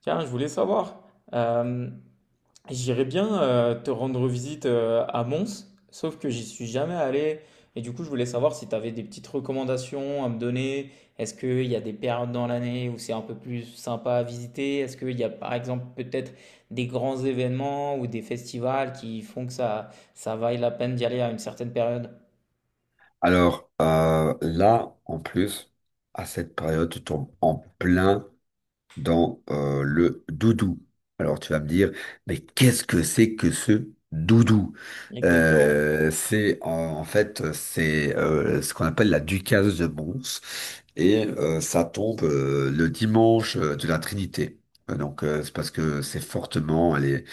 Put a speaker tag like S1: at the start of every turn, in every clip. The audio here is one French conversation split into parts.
S1: Tiens, je voulais savoir, euh, j'irais bien te rendre visite à Mons, sauf que j'y suis jamais allé. Et du coup, je voulais savoir si tu avais des petites recommandations à me donner. Est-ce qu'il y a des périodes dans l'année où c'est un peu plus sympa à visiter? Est-ce qu'il y a par exemple peut-être des grands événements ou des festivals qui font que ça vaille la peine d'y aller à une certaine période?
S2: Alors là, en plus, à cette période, tu tombes en plein dans le doudou. Alors tu vas me dire, mais qu'est-ce que c'est que ce doudou?
S1: Exactement.
S2: Euh, c'est en, En fait c'est ce qu'on appelle la Ducasse de Mons et ça tombe le dimanche de la Trinité. Donc c'est parce que c'est fortement, elle est,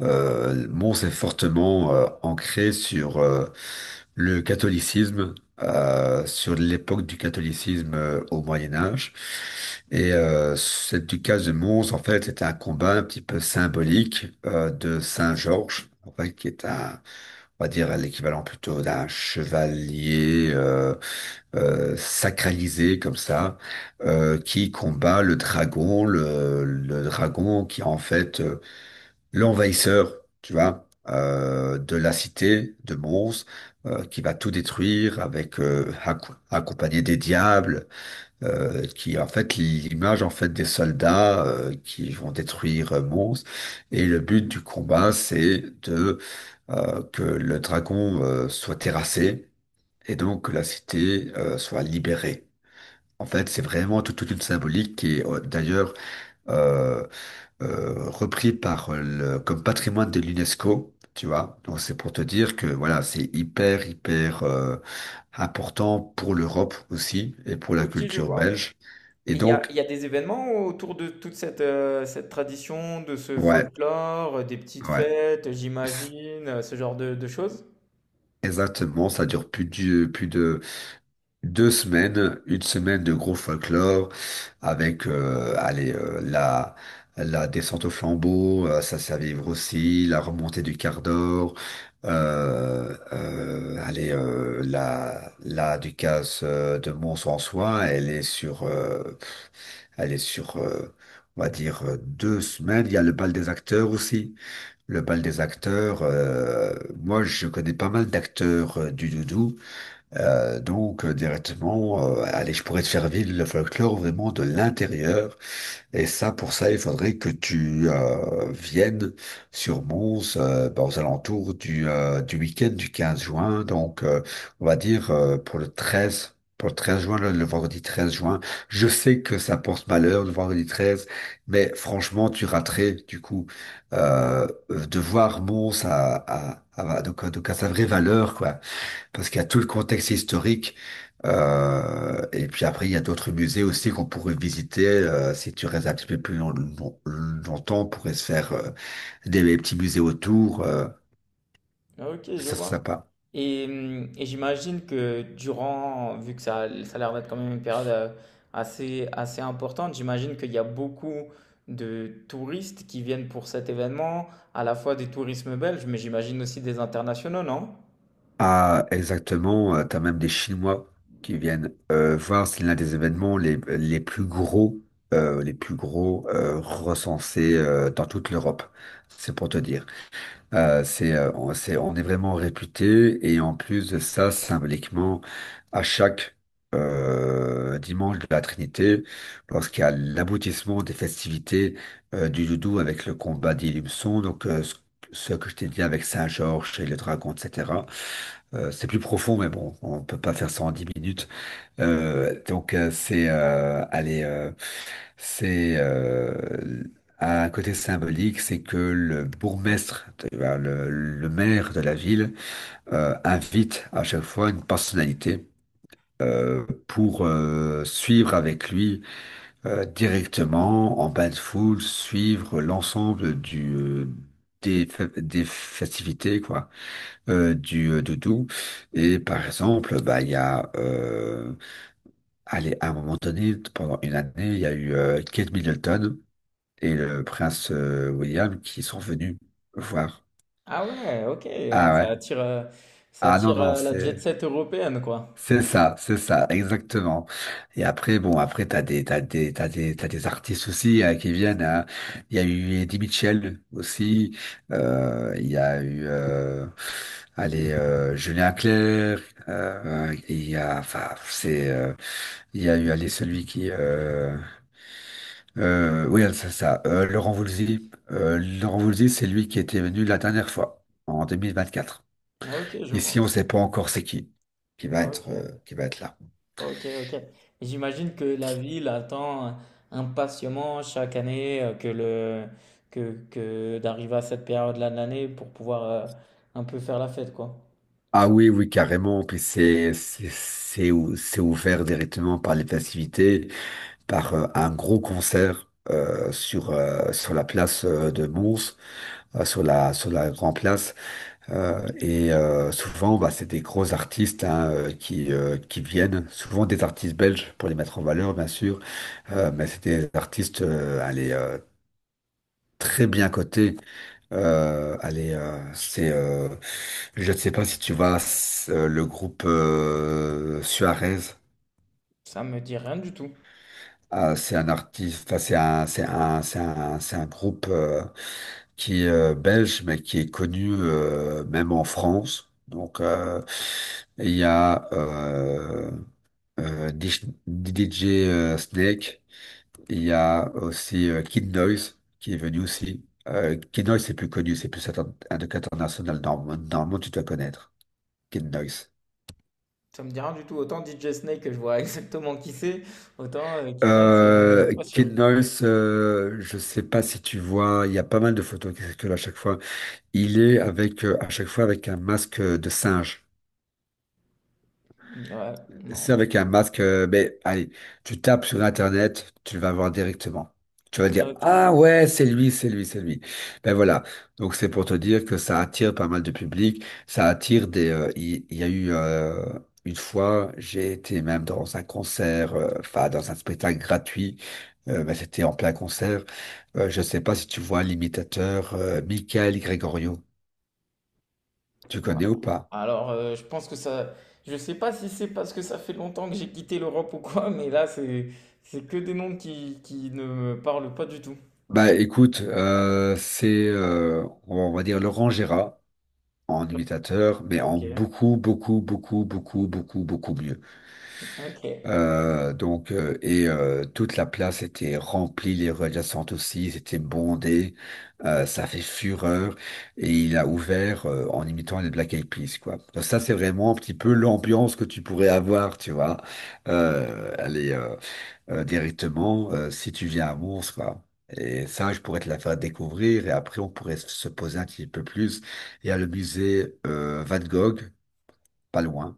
S2: Mons est fortement ancré sur le catholicisme sur l'époque du catholicisme au Moyen Âge. Et cette ducasse de Mons, en fait, c'était un combat un petit peu symbolique de Saint Georges, en fait, qui est un, on va dire, l'équivalent plutôt d'un chevalier sacralisé comme ça, qui combat le dragon, le dragon qui en fait l'envahisseur, tu vois, de la cité de Mons, qui va tout détruire avec accompagné des diables, qui en fait l'image en fait des soldats qui vont détruire Mons. Et le but du combat, c'est de que le dragon soit terrassé et donc que la cité soit libérée. En fait, c'est vraiment toute une symbolique qui est d'ailleurs euh, repris comme patrimoine de l'UNESCO, tu vois. Donc c'est pour te dire que voilà, c'est hyper, hyper important pour l'Europe aussi et pour la
S1: Ok, je
S2: culture
S1: vois.
S2: belge. Et
S1: Et il y a il
S2: donc,
S1: y a des événements autour de toute cette, cette tradition, de ce
S2: ouais,
S1: folklore, des petites
S2: ouais,
S1: fêtes,
S2: c-
S1: j'imagine, ce genre de choses?
S2: exactement, ça dure plus de 2 semaines, une semaine de gros folklore avec allez, la descente au flambeau, ça c'est à vivre aussi, la remontée du quart d'or, allez, la Ducasse de Mons en soin elle est sur on va dire 2 semaines. Il y a le bal des acteurs aussi. Le bal des acteurs, moi je connais pas mal d'acteurs du doudou. Donc directement, allez, je pourrais te faire vivre le folklore vraiment de l'intérieur. Et ça, pour ça, il faudrait que tu viennes sur Mons ben, aux alentours du week-end du 15 juin. Donc, on va dire pour le 13. Pour le 13 juin, le vendredi 13 juin. Je sais que ça porte malheur, le vendredi 13, mais franchement, tu raterais, du coup, de voir Mons à, donc à sa vraie valeur, quoi parce qu'il y a tout le contexte historique. Et puis après, il y a d'autres musées aussi qu'on pourrait visiter. Si tu restes un petit peu plus longtemps, on pourrait se faire des petits musées autour.
S1: Ah, OK, je
S2: Ça serait
S1: vois
S2: sympa.
S1: et mmh et j'imagine que durant vu que ça l ça a l'air d'être quand même une période, assez importante, j'imagine qu'il y a beaucoup de touristes qui viennent pour cet événement, à la fois des tourismes belges, mais j'imagine aussi des internationaux, non?
S2: Ah, exactement. Tu as même des Chinois qui viennent voir. C'est l'un des événements les plus gros recensés dans toute l'Europe. C'est pour te dire. On est vraiment réputé et en plus de ça, symboliquement, à chaque dimanche de la Trinité, lorsqu'il y a l'aboutissement des festivités du doudou avec le combat d'Ilumson, donc ce que je t'ai dit avec Saint-Georges et le dragon, etc. C'est plus profond, mais bon, on peut pas faire ça en 10 minutes. Donc c'est allez c'est un côté symbolique, c'est que le bourgmestre, eh ben, le maire de la ville invite à chaque fois une personnalité pour suivre avec lui directement en bain de foule, suivre l'ensemble des festivités quoi du de tout et par exemple bah il y a allez, à un moment donné, pendant une année, il y a eu Kate Middleton et le prince William qui sont venus voir.
S1: Ah ouais, OK, ah
S2: Ah ouais.
S1: ça
S2: Ah non,
S1: attire,
S2: non,
S1: la jet set européenne, quoi.
S2: c'est ça, exactement. Et après, bon, après, t'as des artistes aussi qui viennent. Hein. Il y a eu Eddie Mitchell aussi. Il y a eu, allez, Julien Clerc. Il y a, enfin, il y a eu, allez. Oui, c'est ça. Laurent Voulzy. Laurent Voulzy, c'est lui qui était venu la dernière fois, en 2024.
S1: Ah, ok, je
S2: Ici,
S1: vois.
S2: on ne sait pas encore c'est qui
S1: Ah, ok,
S2: qui va être là.
S1: ok, ok. J'imagine que la ville attend impatiemment chaque année que d'arriver à cette période-là de l'année pour pouvoir un peu faire la fête, quoi.
S2: Ah oui, oui, carrément. Puis c'est ouvert directement par les festivités, par un gros concert sur la place de Mons, sur la Grand Place. Et souvent, bah, c'est des gros artistes hein, qui viennent, souvent des artistes belges pour les mettre en valeur, bien sûr, mais c'est des artistes allez, très bien cotés. Allez, je ne sais pas si tu vois le groupe Suarez.
S1: Ça me dit rien du tout.
S2: Ah, c'est un artiste, enfin, c'est un groupe. Qui est belge, mais qui est connu même en France. Donc, il y a DJ Snake, il y a aussi Kid Noise, qui est venu aussi. Kid Noise, c'est plus connu, c'est plus un truc international. Normalement, tu dois connaître Kid Noise.
S1: Ça me dit rien du tout. Autant DJ Snake que je vois exactement qui c'est, autant Kid Nice, pas
S2: Kid
S1: sûr.
S2: Noise, je sais pas si tu vois, il y a pas mal de photos qui circulent à chaque fois. Il est avec à chaque fois avec un masque de singe.
S1: Ouais, non.
S2: C'est avec un masque, mais allez, tu tapes sur Internet, tu vas voir directement. Tu vas dire,
S1: Ok.
S2: ah ouais, c'est lui, c'est lui, c'est lui. Ben voilà. Donc c'est pour te dire que ça attire pas mal de public. Ça attire des. Il y a eu une fois, j'ai été même dans un concert, enfin dans un spectacle gratuit. Ben, c'était en plein concert. Je sais pas si tu vois l'imitateur Michael Gregorio. Tu
S1: Voilà.
S2: connais ou pas?
S1: Alors, je pense que ça. Je sais pas si c'est parce que ça fait longtemps que j'ai quitté l'Europe ou quoi, mais là, c'est que des noms qui ne me parlent pas du tout.
S2: Bah écoute, c'est on va dire Laurent Gérard. En imitateur, mais en
S1: Ok.
S2: beaucoup, beaucoup, beaucoup, beaucoup, beaucoup, beaucoup mieux.
S1: Ok.
S2: Donc, toute la place était remplie, les rues adjacentes aussi, c'était bondé, ça fait fureur, et il a ouvert en imitant les Black Eyed Peas, quoi. Donc ça, c'est vraiment un petit peu l'ambiance que tu pourrais avoir, tu vois. Allez, directement si tu viens à Mons, quoi. Et ça, je pourrais te la faire découvrir et après, on pourrait se poser un petit peu plus. Il y a le musée Van Gogh, pas loin,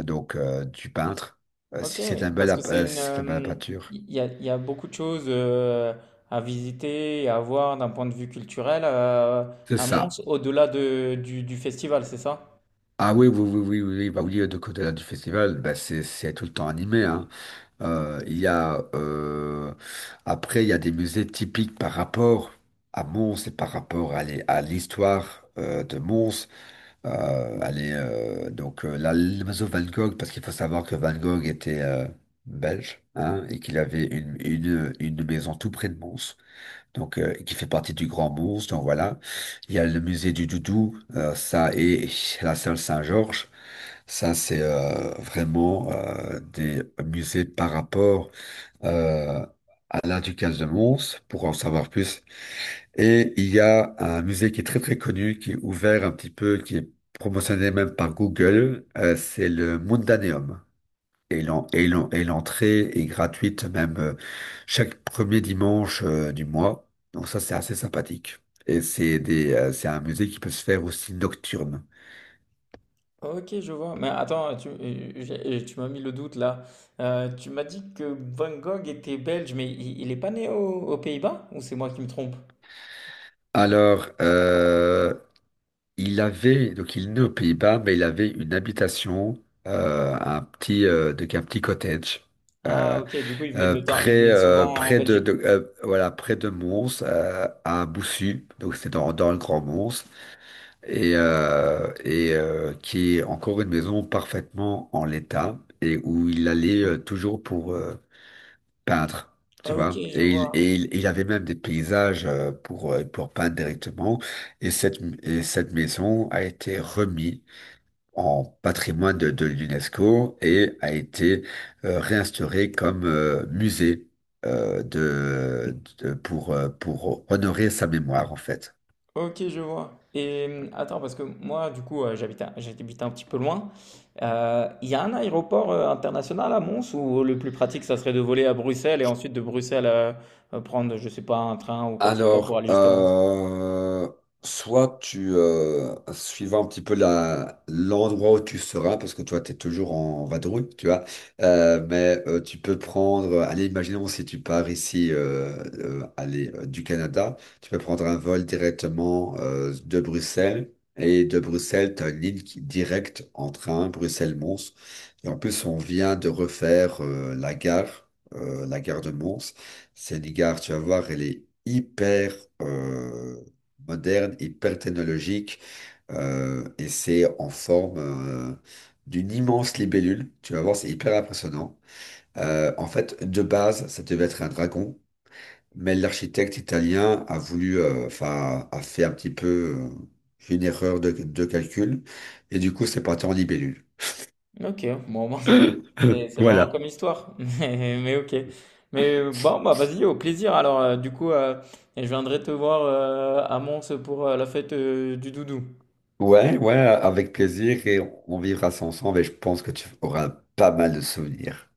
S2: donc du peintre. Si
S1: Ok,
S2: c'est un
S1: parce que c'est une,
S2: bel à peinture.
S1: il y a beaucoup de choses à visiter et à voir d'un point de vue culturel
S2: C'est
S1: à Mons,
S2: ça.
S1: au-delà de, du festival, c'est ça?
S2: Ah oui, oui, oui, oui, oui, oui, bah oui, de côté là, du festival, bah c'est tout le temps animé, hein. Il y a Après il y a des musées typiques par rapport à Mons et par rapport à l'histoire de Mons. Allez, donc l'oiseau Van Gogh, parce qu'il faut savoir que Van Gogh était belge hein, et qu'il avait une maison tout près de Mons, donc qui fait partie du Grand Mons. Donc voilà, il y a le musée du Doudou, ça et la salle Saint-Georges. Ça, c'est vraiment des musées par rapport euh, à la Ducasse de Mons. Pour en savoir plus, et il y a un musée qui est très très connu, qui est ouvert un petit peu, qui est promotionné même par Google, c'est le Mundaneum. Et l'entrée est gratuite même chaque premier dimanche du mois. Donc ça, c'est assez sympathique. Et c'est un musée qui peut se faire aussi nocturne.
S1: Ok, je vois. Mais attends, tu, j'ai- tu m'as mis le doute là. Tu m'as dit que Van Gogh était belge, mais il est pas né au- aux Pays-Bas? Ou c'est moi qui me trompe?
S2: Alors, donc il est né aux Pays-Bas, mais il avait une habitation, donc un petit cottage.
S1: Ah,
S2: euh,
S1: ok, du coup, il venait de temps, il venait souvent en
S2: Près
S1: Belgique.
S2: voilà, près de Mons, à Boussu, donc c'est dans le Grand Mons, et qui est encore une maison parfaitement en l'état, et où il allait toujours pour peindre. Tu
S1: Ok,
S2: vois,
S1: je vois.
S2: il avait même des paysages pour peindre directement. Et cette maison a été remise en patrimoine de l'UNESCO et a été réinstauré comme musée pour honorer sa mémoire en fait.
S1: Ok, je vois. Et attends, parce que moi, du coup, j'habite un petit peu loin. Il y a un aéroport international à Mons ou le plus pratique, ça serait de voler à Bruxelles et ensuite de Bruxelles prendre, je sais pas, un train ou quoi que ce soit pour
S2: Alors,
S1: aller jusqu'à Mons?
S2: suivant un petit peu l'endroit où tu seras, parce que toi, tu es toujours en vadrouille, tu vois. Mais tu peux prendre, allez, imaginons si tu pars ici, allez, du Canada, tu peux prendre un vol directement de Bruxelles, et de Bruxelles, tu as une ligne directe en train, Bruxelles-Mons, et en plus, on vient de refaire la gare de Mons. Cette gare, tu vas voir, elle est hyper euh, moderne, hyper technologique, et c'est en forme d'une immense libellule. Tu vas voir, c'est hyper impressionnant. En fait, de base, ça devait être un dragon, mais l'architecte italien a voulu, enfin, a fait un petit peu une erreur de calcul, et du coup, c'est parti en libellule.
S1: Ok, bon, bon, c'est marrant comme
S2: Voilà.
S1: histoire, mais ok. Mais bon, bah vas-y, au plaisir. Alors, du coup, je viendrai te voir à Mons pour la fête du doudou.
S2: Ouais, ouais, avec plaisir, et on vivra ça ensemble, et je pense que tu auras pas mal de souvenirs.